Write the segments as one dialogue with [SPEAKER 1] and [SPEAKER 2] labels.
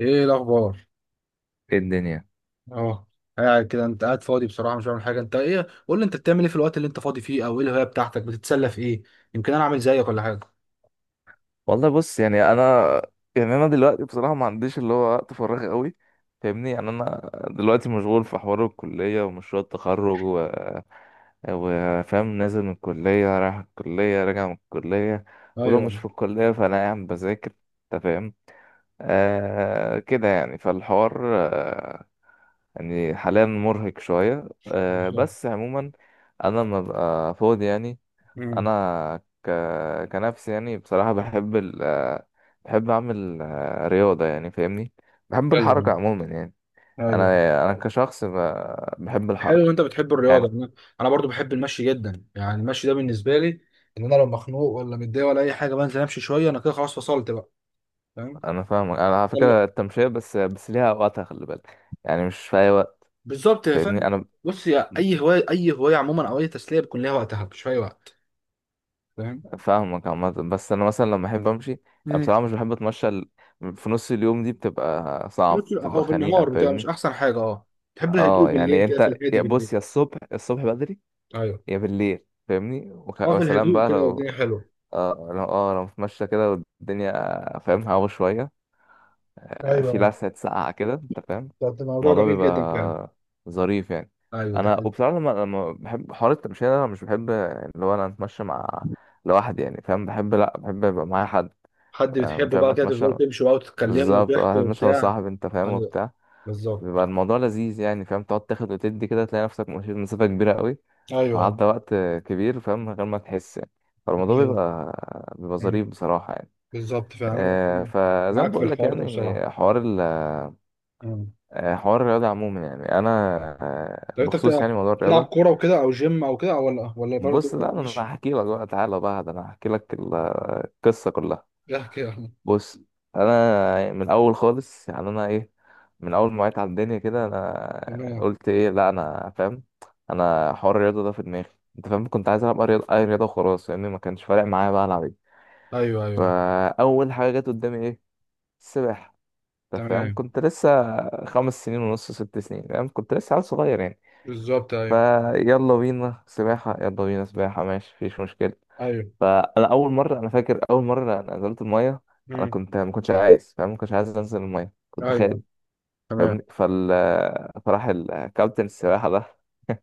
[SPEAKER 1] ايه الاخبار؟
[SPEAKER 2] ايه الدنيا؟
[SPEAKER 1] اه. قاعد كده، انت قاعد فاضي بصراحه مش بعمل حاجه. انت ايه؟ قول لي انت بتعمل ايه في الوقت اللي انت فاضي فيه، او ايه الهوايه بتاعتك؟ بتتسلى في ايه؟ يمكن انا اعمل زيك ولا حاجه.
[SPEAKER 2] والله بص، يعني انا دلوقتي بصراحه ما عنديش اللي هو وقت فراغ قوي. فاهمني، يعني انا دلوقتي مشغول في حوار الكليه ومشروع التخرج و وفاهم، نازل من الكليه، رايح الكليه، راجع من الكليه. ولو مش
[SPEAKER 1] ايوه.
[SPEAKER 2] في الكليه فانا قاعد بذاكر، انت فاهم. كده يعني فالحوار، يعني حاليا مرهق شويه،
[SPEAKER 1] بالظبط.
[SPEAKER 2] بس عموما. انا لما ببقى فاضي يعني،
[SPEAKER 1] امم.
[SPEAKER 2] انا كنفسي، يعني بصراحه بحب ال... آه، بحب اعمل رياضه، يعني فاهمني، بحب الحركه
[SPEAKER 1] ايوه،
[SPEAKER 2] عموما يعني. انا
[SPEAKER 1] ايوه.
[SPEAKER 2] انا كشخص بحب
[SPEAKER 1] حلو ان
[SPEAKER 2] الحركه.
[SPEAKER 1] انت بتحب الرياضه.
[SPEAKER 2] يعني
[SPEAKER 1] انا أنا برضو بحب المشي جدا. يعني المشي ده بالنسبه لي ان انا لو مخنوق ولا متضايق ولا اي حاجه بنزل امشي شويه، انا كده خلاص فصلت بقى. فاهم.
[SPEAKER 2] انا فاهمك، انا على
[SPEAKER 1] يلا.
[SPEAKER 2] فكره التمشيه بس ليها اوقاتها، خلي بالك، يعني مش في اي وقت.
[SPEAKER 1] بالظبط يا فاهم.
[SPEAKER 2] فاهمني. انا
[SPEAKER 1] بص يا، اي هوايه اي هوايه عموما او اي تسليه بيكون ليها وقتها مش في اي وقت. فاهم.
[SPEAKER 2] فاهمك عامه، بس انا مثلا لما احب امشي، يعني
[SPEAKER 1] مم.
[SPEAKER 2] بصراحه مش بحب اتمشى في نص اليوم، دي بتبقى صعب، بتبقى
[SPEAKER 1] او
[SPEAKER 2] خنيقه،
[SPEAKER 1] بالنهار بتبقى مش
[SPEAKER 2] فاهمني.
[SPEAKER 1] احسن حاجه، اه. تحب الهدوء
[SPEAKER 2] اه
[SPEAKER 1] بالليل،
[SPEAKER 2] يعني
[SPEAKER 1] كده في
[SPEAKER 2] انت،
[SPEAKER 1] الهادي بالليل.
[SPEAKER 2] بص يا الصبح بدري،
[SPEAKER 1] ايوه.
[SPEAKER 2] يا بالليل فاهمني،
[SPEAKER 1] اه، في
[SPEAKER 2] وسلام
[SPEAKER 1] الهدوء
[SPEAKER 2] بقى
[SPEAKER 1] كده
[SPEAKER 2] لو،
[SPEAKER 1] والدنيا حلوه.
[SPEAKER 2] لو متمشى كده والدنيا فاهم، هوا شوية، في
[SPEAKER 1] ايوه،
[SPEAKER 2] لسعة ساقعة كده، انت فاهم.
[SPEAKER 1] ده موضوع
[SPEAKER 2] الموضوع
[SPEAKER 1] جميل جدا فعلا.
[SPEAKER 2] بيبقى ظريف يعني.
[SPEAKER 1] ايوه، ده
[SPEAKER 2] انا
[SPEAKER 1] حلو.
[SPEAKER 2] وبصراحة لما بحب حوار التمشية ده، انا مش بحب اللي هو انا اتمشى مع لوحدي، يعني فاهم، بحب لا، بحب يبقى معايا حد.
[SPEAKER 1] حد بتحبه
[SPEAKER 2] فاهم،
[SPEAKER 1] بقى، كده
[SPEAKER 2] اتمشى،
[SPEAKER 1] تفضلوا تمشوا بقى وتتكلموا
[SPEAKER 2] بالظبط اه،
[SPEAKER 1] وتحكوا
[SPEAKER 2] اتمشى مع
[SPEAKER 1] وبتاع.
[SPEAKER 2] صاحبي، انت فاهم
[SPEAKER 1] ايوه،
[SPEAKER 2] وبتاع.
[SPEAKER 1] بالظبط،
[SPEAKER 2] بيبقى الموضوع لذيذ يعني فاهم، تقعد تاخد وتدي كده، تلاقي نفسك مشيت مسافة كبيرة قوي،
[SPEAKER 1] ايوه.
[SPEAKER 2] وعدى وقت كبير فاهم من غير ما تحس يعني.
[SPEAKER 1] دي
[SPEAKER 2] فالموضوع
[SPEAKER 1] حقيقة.
[SPEAKER 2] بيبقى
[SPEAKER 1] أمم.
[SPEAKER 2] ظريف بصراحة يعني.
[SPEAKER 1] بالظبط فعلا.
[SPEAKER 2] فزي ما
[SPEAKER 1] معاك في
[SPEAKER 2] بقول لك
[SPEAKER 1] الحوار ده
[SPEAKER 2] يعني
[SPEAKER 1] بصراحه.
[SPEAKER 2] حوار ال،
[SPEAKER 1] أمم.
[SPEAKER 2] حوار الرياضة عموما، يعني أنا،
[SPEAKER 1] طب انت
[SPEAKER 2] بخصوص
[SPEAKER 1] بتلعب
[SPEAKER 2] يعني موضوع
[SPEAKER 1] بتلعب
[SPEAKER 2] الرياضة.
[SPEAKER 1] كوره وكده او جيم او كده، أو ولا برضه
[SPEAKER 2] بص لا، أنا
[SPEAKER 1] مش...
[SPEAKER 2] هحكي لك بقى، تعالى بقى ده أنا هحكي لك القصة كلها.
[SPEAKER 1] احكي يا أحمد.
[SPEAKER 2] بص انا من الاول خالص، يعني انا ايه، من اول ما وعيت على الدنيا كده، انا
[SPEAKER 1] تمام.
[SPEAKER 2] قلت ايه لا انا فاهم، انا حوار الرياضه ده في دماغي، انت فاهم، كنت عايز العب اي رياضه، أي رياضة، وخلاص، لان ما كانش فارق معايا بقى العب ايه.
[SPEAKER 1] ايوه، ايوه.
[SPEAKER 2] فاول حاجه جت قدامي ايه؟ السباحه. انت فاهم
[SPEAKER 1] تمام.
[SPEAKER 2] كنت لسه خمس سنين ونص، ست سنين، فاهم كنت لسه عيل صغير يعني.
[SPEAKER 1] بالظبط، ايوه،
[SPEAKER 2] فيلا بينا سباحه، يلا بينا سباحه، ماشي مفيش مشكله.
[SPEAKER 1] ايوه.
[SPEAKER 2] فانا اول مره، انا فاكر اول مره انا نزلت الميه، انا كنت ما كنتش عايز فاهم، ما كنتش عايز انزل الميه، كنت خايف،
[SPEAKER 1] ايوه، تمام.
[SPEAKER 2] فاهمني. فراح الكابتن السباحه ده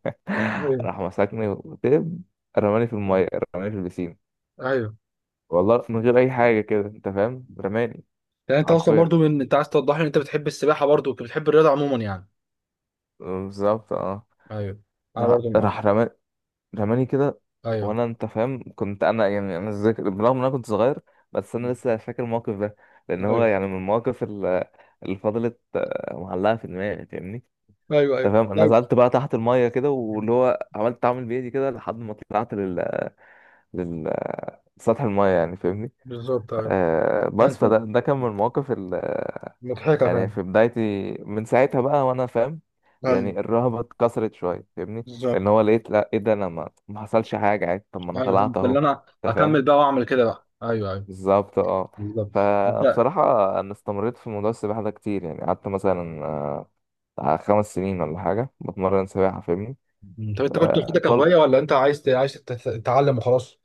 [SPEAKER 1] ايوه،
[SPEAKER 2] راح مسكني وتب، رماني في الميه، رماني في البسين،
[SPEAKER 1] ايوه.
[SPEAKER 2] والله من غير اي حاجه كده، انت فاهم، رماني
[SPEAKER 1] يعني انت اصلا
[SPEAKER 2] حرفيا.
[SPEAKER 1] برضو من انت عايز توضح لي ان انت بتحب السباحه برضو، بتحب الرياضه عموما يعني.
[SPEAKER 2] بالظبط اه،
[SPEAKER 1] ايوه، انا
[SPEAKER 2] راح
[SPEAKER 1] برضو، اه.
[SPEAKER 2] راح رماني كده.
[SPEAKER 1] ايوه،
[SPEAKER 2] وانا انت فاهم، كنت انا، يعني انا ذاكر برغم ان انا كنت صغير، بس انا لسه فاكر الموقف ده، لان
[SPEAKER 1] ايوه.
[SPEAKER 2] هو يعني من المواقف، اللي فضلت معلقه في دماغي، فاهمني.
[SPEAKER 1] ايوه،
[SPEAKER 2] انت
[SPEAKER 1] ايوه،
[SPEAKER 2] فاهم، انا
[SPEAKER 1] لا،
[SPEAKER 2] نزلت بقى تحت الميه كده، واللي هو عملت اعمل بايدي كده، لحد ما طلعت لل سطح الميه يعني فاهمني.
[SPEAKER 1] بالظبط، ايوه.
[SPEAKER 2] بس
[SPEAKER 1] انت
[SPEAKER 2] فده كان من المواقف،
[SPEAKER 1] مضحكه
[SPEAKER 2] يعني
[SPEAKER 1] فاهم.
[SPEAKER 2] في بدايتي، من ساعتها بقى وانا فاهم،
[SPEAKER 1] ايوه،
[SPEAKER 2] يعني الرهبة اتكسرت شوية، فاهمني، لان
[SPEAKER 1] بالظبط.
[SPEAKER 2] هو لقيت لا، ايه ده، انا ما حصلش حاجة عادي، طب ما انا
[SPEAKER 1] ايوه،
[SPEAKER 2] طلعت
[SPEAKER 1] فهمت اللي
[SPEAKER 2] اهو،
[SPEAKER 1] انا
[SPEAKER 2] انت فاهم،
[SPEAKER 1] اكمل بقى واعمل كده بقى، ايوه، ايوه.
[SPEAKER 2] بالظبط اه.
[SPEAKER 1] بالظبط انت...
[SPEAKER 2] فبصراحة انا استمريت في موضوع السباحة ده كتير يعني، قعدت مثلا بتاع خمس سنين ولا حاجة بتمرن سباحة فاهمني.
[SPEAKER 1] طب انت كنت واخدها
[SPEAKER 2] آه، طل
[SPEAKER 1] كهوايه ولا انت عايز تتعلم وخلاص؟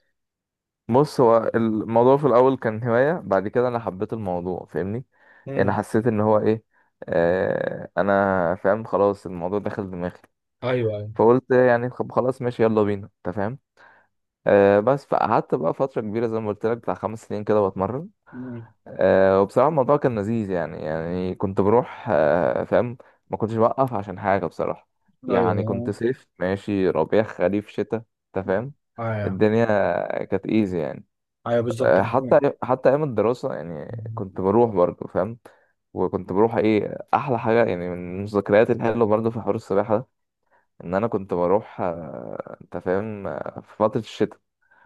[SPEAKER 2] بص هو الموضوع في الاول كان هواية، بعد كده انا حبيت الموضوع فاهمني، انا
[SPEAKER 1] امم.
[SPEAKER 2] حسيت ان هو ايه، انا فاهم خلاص الموضوع دخل دماغي،
[SPEAKER 1] ايوه، ايوه.
[SPEAKER 2] فقلت يعني خلاص ماشي، يلا بينا، انت فاهم. بس فقعدت بقى فترة كبيرة زي ما قلت لك بتاع خمس سنين كده بتمرن.
[SPEAKER 1] مم.
[SPEAKER 2] وبصراحة الموضوع كان لذيذ يعني، يعني كنت بروح فاهم، ما كنتش بوقف عشان حاجة بصراحة، يعني
[SPEAKER 1] ايوه،
[SPEAKER 2] كنت صيف، ماشي ربيع، خريف، شتاء، انت فاهم،
[SPEAKER 1] ايوه،
[SPEAKER 2] الدنيا كانت ايزي يعني.
[SPEAKER 1] ايوه. بالظبط. مم.
[SPEAKER 2] حتى ايام الدراسة يعني كنت بروح برضه فاهم، وكنت بروح ايه، احلى حاجه يعني، من الذكريات الحلوه برضه في حوار السباحه، ان انا كنت بروح انت فاهم، في فترة الشتاء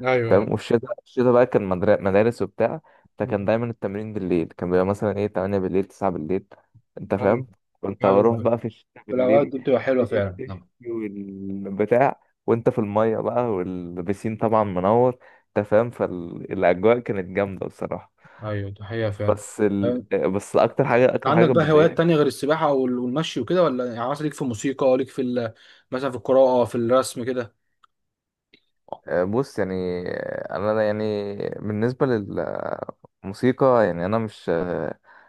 [SPEAKER 1] ايوه، أيوة.
[SPEAKER 2] فاهم، والشتاء، الشتاء بقى كان مدارس وبتاع،
[SPEAKER 1] مم.
[SPEAKER 2] فكان دايما التمرين بالليل، كان بيبقى مثلا ايه 8 بالليل، 9 بالليل، انت
[SPEAKER 1] ايوه،
[SPEAKER 2] فاهم. كنت
[SPEAKER 1] ايوه،
[SPEAKER 2] بروح
[SPEAKER 1] أيوة.
[SPEAKER 2] بقى في الشتاء
[SPEAKER 1] في الاوقات
[SPEAKER 2] بالليل،
[SPEAKER 1] دي بتبقى حلوه
[SPEAKER 2] الدنيا
[SPEAKER 1] فعلا،
[SPEAKER 2] بتشتي
[SPEAKER 1] نعم.
[SPEAKER 2] والبتاع، وانت في المية بقى، والبسين طبعا منور، انت فاهم، فالاجواء كانت جامدة بصراحة.
[SPEAKER 1] ايوه، دي حقيقه فعلا.
[SPEAKER 2] بس ال...
[SPEAKER 1] أه،
[SPEAKER 2] بس اكتر حاجة،
[SPEAKER 1] أنت
[SPEAKER 2] اكتر
[SPEAKER 1] عندك
[SPEAKER 2] حاجة
[SPEAKER 1] بقى هوايات
[SPEAKER 2] بتضايقني.
[SPEAKER 1] تانية غير السباحه والمشي وكده؟ ولا يعني مثلا ليك في الموسيقى؟ ليك في مثلا في القراءه، في الرسم كده؟
[SPEAKER 2] بص يعني، انا يعني، بالنسبة لل موسيقى، يعني انا مش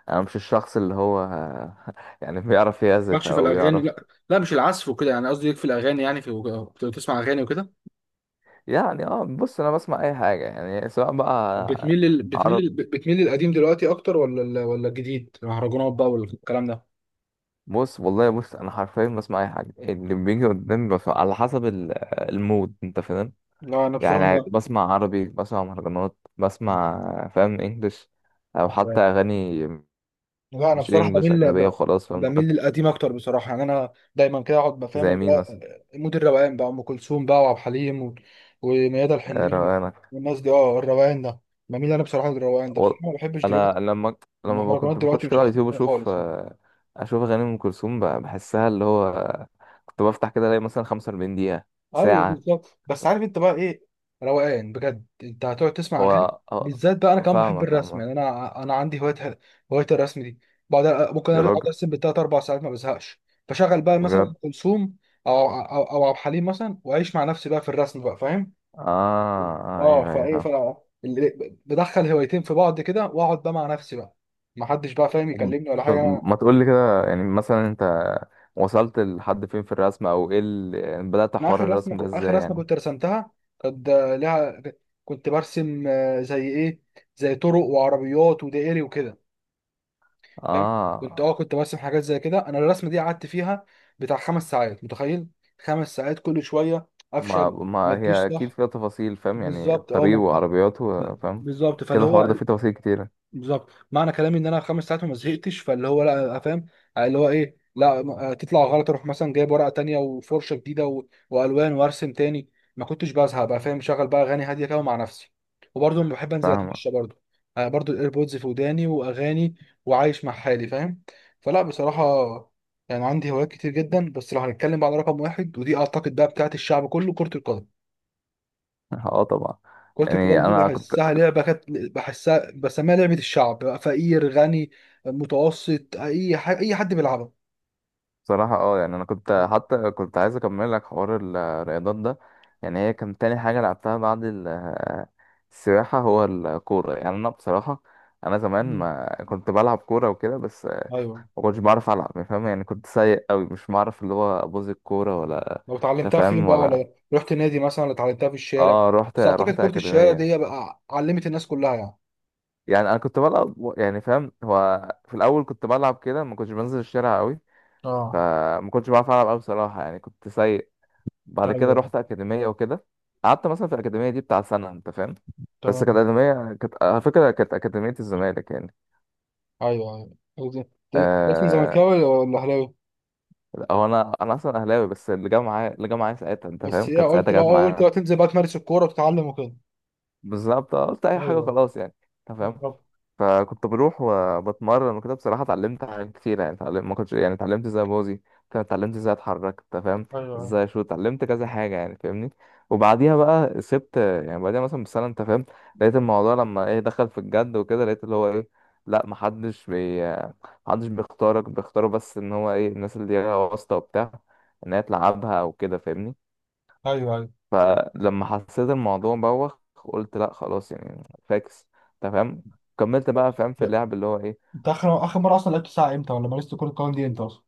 [SPEAKER 2] انا مش الشخص اللي هو يعني بيعرف يعزف
[SPEAKER 1] مالكش في
[SPEAKER 2] او
[SPEAKER 1] الاغاني؟
[SPEAKER 2] يعرف.
[SPEAKER 1] لا، لا، مش العزف وكده، يعني قصدي ليك في الاغاني، يعني في بتسمع اغاني وكده؟
[SPEAKER 2] يعني اه، بص انا بسمع اي حاجه، يعني سواء بقى
[SPEAKER 1] بتميل لل... بتميل
[SPEAKER 2] عرب
[SPEAKER 1] لل... بتميل للقديم دلوقتي اكتر ولا الجديد المهرجانات بقى والكلام ده؟
[SPEAKER 2] بص والله، بص انا حرفيا بسمع اي حاجه اللي بيجي قدامي، بسمع على حسب المود، انت فاهم.
[SPEAKER 1] لا انا
[SPEAKER 2] يعني عادي
[SPEAKER 1] بصراحه
[SPEAKER 2] بسمع عربي، بسمع مهرجانات، بسمع فاهم انجلش، او حتى
[SPEAKER 1] بقى.
[SPEAKER 2] اغاني
[SPEAKER 1] لا، انا
[SPEAKER 2] مش
[SPEAKER 1] بصراحه
[SPEAKER 2] انجلش
[SPEAKER 1] بميل
[SPEAKER 2] اجنبيه وخلاص، فاهم
[SPEAKER 1] بميل
[SPEAKER 2] لغات،
[SPEAKER 1] للقديم اكتر بصراحه، يعني انا دايما كده اقعد بفهم
[SPEAKER 2] زي
[SPEAKER 1] اللي
[SPEAKER 2] مين
[SPEAKER 1] هو
[SPEAKER 2] مثلا؟
[SPEAKER 1] مود الروقان بقى، ام كلثوم بقى وعبد الحليم وميادة الحناوي،
[SPEAKER 2] روقان
[SPEAKER 1] والناس دي، اه الروقان ده. بميل انا بصراحه للروقان ده
[SPEAKER 2] و...
[SPEAKER 1] بصراحه، ما بحبش
[SPEAKER 2] انا
[SPEAKER 1] دلوقتي
[SPEAKER 2] لما
[SPEAKER 1] المهرجانات
[SPEAKER 2] كنت
[SPEAKER 1] دلوقتي،
[SPEAKER 2] بخش
[SPEAKER 1] مش
[SPEAKER 2] كده على
[SPEAKER 1] احسن
[SPEAKER 2] اليوتيوب
[SPEAKER 1] حاجه
[SPEAKER 2] اشوف
[SPEAKER 1] خالص.
[SPEAKER 2] اشوف اغاني ام كلثوم، بحسها اللي هو، كنت بفتح كده الاقي مثلا 45 دقيقة،
[SPEAKER 1] ايوه،
[SPEAKER 2] ساعة.
[SPEAKER 1] بالظبط. بس عارف انت بقى ايه؟ روقان بجد، انت هتقعد تسمع اغاني
[SPEAKER 2] هو
[SPEAKER 1] بالذات بقى. انا كمان بحب
[SPEAKER 2] فاهمك يا
[SPEAKER 1] الرسم،
[SPEAKER 2] عمر.
[SPEAKER 1] يعني انا عندي هوايه، هوايه الرسم دي. بعد، ممكن
[SPEAKER 2] يا
[SPEAKER 1] اقعد
[SPEAKER 2] راجل
[SPEAKER 1] ارسم بالتلات اربع ساعات ما بزهقش. بشغل بقى مثلا أم
[SPEAKER 2] بجد.
[SPEAKER 1] كلثوم او عبد الحليم مثلا، واعيش مع نفسي بقى في الرسم بقى، فاهم.
[SPEAKER 2] اه،
[SPEAKER 1] اه،
[SPEAKER 2] ايوه ايوه
[SPEAKER 1] فايه،
[SPEAKER 2] فاهم.
[SPEAKER 1] بدخل هوايتين في بعض كده، واقعد بقى مع نفسي بقى، ما حدش بقى فاهم
[SPEAKER 2] طب
[SPEAKER 1] يكلمني ولا
[SPEAKER 2] طب
[SPEAKER 1] حاجه.
[SPEAKER 2] ما تقول لي كده، يعني مثلا انت وصلت لحد فين في الرسم، او ايه اللي، يعني بدأت
[SPEAKER 1] انا
[SPEAKER 2] حوار الرسم ده
[SPEAKER 1] اخر
[SPEAKER 2] ازاي
[SPEAKER 1] رسمه
[SPEAKER 2] يعني؟
[SPEAKER 1] كنت رسمتها، كانت لها، كنت برسم زي ايه، زي طرق وعربيات ودائري وكده، فاهم. كنت
[SPEAKER 2] اه
[SPEAKER 1] اه كنت برسم حاجات زي كده. انا الرسمه دي قعدت فيها بتاع 5 ساعات، متخيل؟ 5 ساعات كل شويه
[SPEAKER 2] ما
[SPEAKER 1] افشل، ما
[SPEAKER 2] ما
[SPEAKER 1] تجيش
[SPEAKER 2] هي اكيد
[SPEAKER 1] صح؟
[SPEAKER 2] فيها تفاصيل فاهم، يعني
[SPEAKER 1] بالظبط، اه
[SPEAKER 2] الطريق
[SPEAKER 1] ما تجيش.
[SPEAKER 2] وعربياته فاهم
[SPEAKER 1] بالظبط فاللي
[SPEAKER 2] كده، الحوار
[SPEAKER 1] هو
[SPEAKER 2] ده فيه تفاصيل كتيرة،
[SPEAKER 1] بالظبط، معنى كلامي ان انا 5 ساعات وما زهقتش، فاللي هو لا فاهم، اللي هو ايه، لا تطلع غلط اروح مثلا جايب ورقه تانية وفرشه جديده والوان وارسم تاني. ما كنتش بزهق بقى، فاهم. شغل بقى اغاني هاديه كده مع نفسي، وبرضه لما بحب انزل
[SPEAKER 2] فاهمة.
[SPEAKER 1] اتمشى برضه، برضه الايربودز في وداني واغاني وعايش مع حالي، فاهم. فلا بصراحه، يعني عندي هوايات كتير جدا، بس لو هنتكلم بقى على رقم واحد، ودي اعتقد بقى بتاعت الشعب كله، كره القدم.
[SPEAKER 2] اه طبعا.
[SPEAKER 1] كرة
[SPEAKER 2] يعني
[SPEAKER 1] القدم دي
[SPEAKER 2] انا كنت
[SPEAKER 1] بحسها لعبة، كانت بحسها بسميها لعبة الشعب بقى، فقير غني متوسط أي حد بيلعبها.
[SPEAKER 2] بصراحة، اه يعني انا كنت حتى كنت عايز اكمل لك حوار الرياضات ده، يعني هي كان تاني حاجة لعبتها بعد السباحة، هو الكورة، يعني انا بصراحة، انا زمان
[SPEAKER 1] مم.
[SPEAKER 2] ما كنت بلعب كورة وكده، بس
[SPEAKER 1] أيوه.
[SPEAKER 2] ما كنتش بعرف العب، يعني فاهم، يعني كنت سيء قوي، مش بعرف اللي هو ابوظ الكورة
[SPEAKER 1] مم.
[SPEAKER 2] ولا
[SPEAKER 1] لو اتعلمتها فين
[SPEAKER 2] تفهم
[SPEAKER 1] بقى؟
[SPEAKER 2] ولا.
[SPEAKER 1] ولا رحت نادي مثلا؟ ولا اتعلمتها في الشارع؟
[SPEAKER 2] اه، رحت
[SPEAKER 1] بس أعتقد
[SPEAKER 2] رحت
[SPEAKER 1] كرة الشارع
[SPEAKER 2] اكاديمية.
[SPEAKER 1] دي بقى علمت الناس كلها يعني.
[SPEAKER 2] يعني انا كنت بلعب يعني فاهم، هو في الاول كنت بلعب كده، ما كنتش بنزل الشارع قوي،
[SPEAKER 1] اه،
[SPEAKER 2] فما كنتش بعرف العب قوي بصراحه، يعني كنت سيء. بعد كده
[SPEAKER 1] ايوه،
[SPEAKER 2] رحت اكاديميه وكده، قعدت مثلا في الاكاديميه دي بتاع سنه، انت فاهم، بس كانت
[SPEAKER 1] تمام.
[SPEAKER 2] اكاديميه، كانت على فكره كانت اكاديميه الزمالك يعني.
[SPEAKER 1] أيوه، أيوه. اسم
[SPEAKER 2] آه...
[SPEAKER 1] زملكاوي ولا أهلاوي؟
[SPEAKER 2] هو انا، انا اصلا اهلاوي، بس اللي جه معايا، ساعتها انت
[SPEAKER 1] بس
[SPEAKER 2] فاهم،
[SPEAKER 1] إيه
[SPEAKER 2] كانت
[SPEAKER 1] قلت
[SPEAKER 2] ساعتها
[SPEAKER 1] بقى
[SPEAKER 2] جت
[SPEAKER 1] قلت بقى
[SPEAKER 2] معايا،
[SPEAKER 1] تنزل بقى تمارس الكورة وتتعلم وكده؟
[SPEAKER 2] بالظبط. قلت اي حاجه
[SPEAKER 1] ايوه،
[SPEAKER 2] خلاص يعني، انت فاهم.
[SPEAKER 1] بالظبط،
[SPEAKER 2] فكنت بروح وبتمرن وكده، بصراحة اتعلمت حاجات كتير، يعني اتعلمت، ما كنتش يعني، اتعلمت ازاي بوزي، اتعلمت ازاي اتحرك، انت فاهم،
[SPEAKER 1] ايوه،
[SPEAKER 2] ازاي اشوط، اتعلمت كذا حاجة يعني فاهمني. وبعديها بقى سبت، يعني بعديها مثلا بسنة، انت فاهم لقيت الموضوع لما ايه دخل في الجد وكده، لقيت اللي هو ايه، لا محدش بيختارك، بيختاروا بس ان هو ايه، الناس اللي هي واسطة وبتاع، ان هي تلعبها وكده فاهمني.
[SPEAKER 1] ايوه،
[SPEAKER 2] فلما حسيت الموضوع بوخ، قلت لا خلاص يعني، فاكس، تمام، كملت
[SPEAKER 1] ايوه.
[SPEAKER 2] بقى فاهم في اللعب اللي هو ايه.
[SPEAKER 1] انت اخر مره اصلا لعبت ساعه امتى؟ ولا مارست كره القدم دي امتى اصلا؟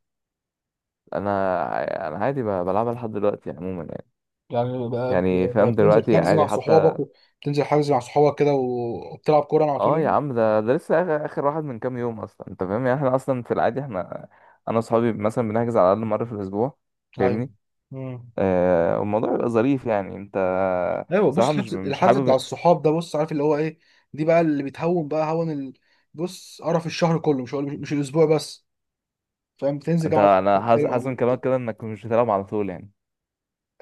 [SPEAKER 2] انا عادي بلعبها لحد دلوقتي عموما يعني،
[SPEAKER 1] يعني بقى
[SPEAKER 2] يعني
[SPEAKER 1] بقى
[SPEAKER 2] فاهم
[SPEAKER 1] بتنزل
[SPEAKER 2] دلوقتي
[SPEAKER 1] حجز مع
[SPEAKER 2] عادي
[SPEAKER 1] صحابك
[SPEAKER 2] حتى.
[SPEAKER 1] بتنزل حجز مع صحابك كده وبتلعب كوره على طول
[SPEAKER 2] اه يا
[SPEAKER 1] يعني؟
[SPEAKER 2] عم، ده لسه آخر واحد من كام يوم اصلا، انت فاهم، يعني احنا اصلا في العادي، احنا انا وصحابي مثلا بنحجز على الاقل مره في الاسبوع،
[SPEAKER 1] ايوه،
[SPEAKER 2] فاهمني.
[SPEAKER 1] امم،
[SPEAKER 2] والموضوع بيبقى ظريف يعني، انت
[SPEAKER 1] ايوه. بص
[SPEAKER 2] بصراحه، مش
[SPEAKER 1] حجز،
[SPEAKER 2] مش
[SPEAKER 1] الحجز بتاع
[SPEAKER 2] حابب.
[SPEAKER 1] الصحاب ده، بص عارف اللي هو ايه، دي بقى اللي بتهون بقى هون بص قرف الشهر كله، مش الاسبوع بس، فاهم؟ بتنزل كده
[SPEAKER 2] انت،
[SPEAKER 1] مع
[SPEAKER 2] انا
[SPEAKER 1] صحابك
[SPEAKER 2] حاسس
[SPEAKER 1] تلعب
[SPEAKER 2] حاسس من كلامك كده انك مش بتلعب على طول يعني.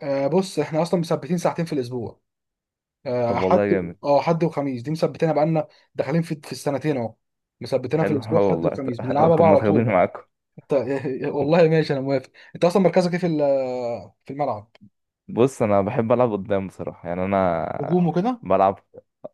[SPEAKER 1] آه بص احنا اصلا مثبتين ساعتين في الاسبوع،
[SPEAKER 2] طب
[SPEAKER 1] آه حد،
[SPEAKER 2] والله جامد.
[SPEAKER 1] اه حد وخميس دي مثبتينها بقالنا داخلين في السنتين اهو، مثبتينها في
[SPEAKER 2] حلو.
[SPEAKER 1] الاسبوع،
[SPEAKER 2] اه
[SPEAKER 1] حد
[SPEAKER 2] والله
[SPEAKER 1] وخميس، بنلعبها
[SPEAKER 2] طب
[SPEAKER 1] بقى
[SPEAKER 2] ما
[SPEAKER 1] على طول
[SPEAKER 2] تاخدوني
[SPEAKER 1] بقى.
[SPEAKER 2] معاكم.
[SPEAKER 1] انت والله ماشي، انا موافق. انت اصلا مركزك ايه في الملعب؟
[SPEAKER 2] بص انا بحب العب قدام بصراحه، يعني انا
[SPEAKER 1] هجوم وكده؟
[SPEAKER 2] بلعب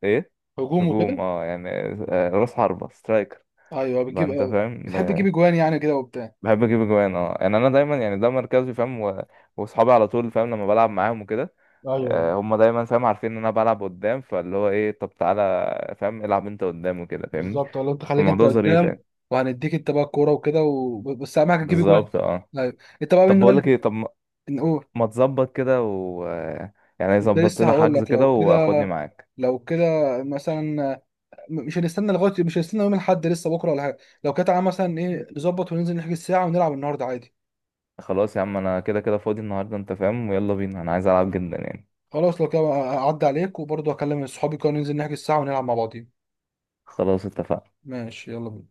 [SPEAKER 2] ايه،
[SPEAKER 1] هجوم
[SPEAKER 2] هجوم
[SPEAKER 1] وكده،
[SPEAKER 2] اه يعني، راس حربه، سترايكر
[SPEAKER 1] ايوه،
[SPEAKER 2] بقى،
[SPEAKER 1] بتجيب،
[SPEAKER 2] انت فاهم،
[SPEAKER 1] بتحب تجيب اجوان يعني كده وبتاع؟
[SPEAKER 2] بحب اجيب اجوان، اه يعني انا دايما، يعني ده مركزي فاهم، واصحابي على طول فاهم لما بلعب معاهم وكده،
[SPEAKER 1] ايوه،
[SPEAKER 2] هم دايما فاهم عارفين ان انا بلعب قدام، فاللي هو ايه، طب تعالى فاهم العب انت قدام وكده فاهمني.
[SPEAKER 1] بالظبط، ولا انت خليك انت
[SPEAKER 2] الموضوع ظريف
[SPEAKER 1] قدام
[SPEAKER 2] يعني،
[SPEAKER 1] وهنديك انت بقى الكوره وكده بس اهم حاجه تجيب اجوان.
[SPEAKER 2] بالظبط اه.
[SPEAKER 1] ايوه انت بقى
[SPEAKER 2] طب
[SPEAKER 1] من هو
[SPEAKER 2] بقول
[SPEAKER 1] اللي
[SPEAKER 2] لك ايه، طب
[SPEAKER 1] نقول...
[SPEAKER 2] ما تظبط كده و، يعني
[SPEAKER 1] كنت
[SPEAKER 2] يظبط
[SPEAKER 1] لسه
[SPEAKER 2] لنا
[SPEAKER 1] هقول
[SPEAKER 2] حجز
[SPEAKER 1] لك، لو
[SPEAKER 2] كده
[SPEAKER 1] كده،
[SPEAKER 2] واخدني معاك.
[SPEAKER 1] لو كده مثلا، مش هنستنى يوم الاحد لسه بكره ولا حاجه، لو كده تعالى مثلا ايه، نظبط وننزل نحجز ساعه ونلعب النهارده عادي.
[SPEAKER 2] خلاص يا عم، انا كده كده فاضي النهارده، انت فاهم، ويلا بينا، انا عايز العب جدا يعني.
[SPEAKER 1] خلاص لو كده اعدي عليك، وبرضه هكلم صحابي كانوا ننزل نحجز الساعة ونلعب مع بعضين.
[SPEAKER 2] خلاص اتفقنا.
[SPEAKER 1] ماشي، يلا بينا.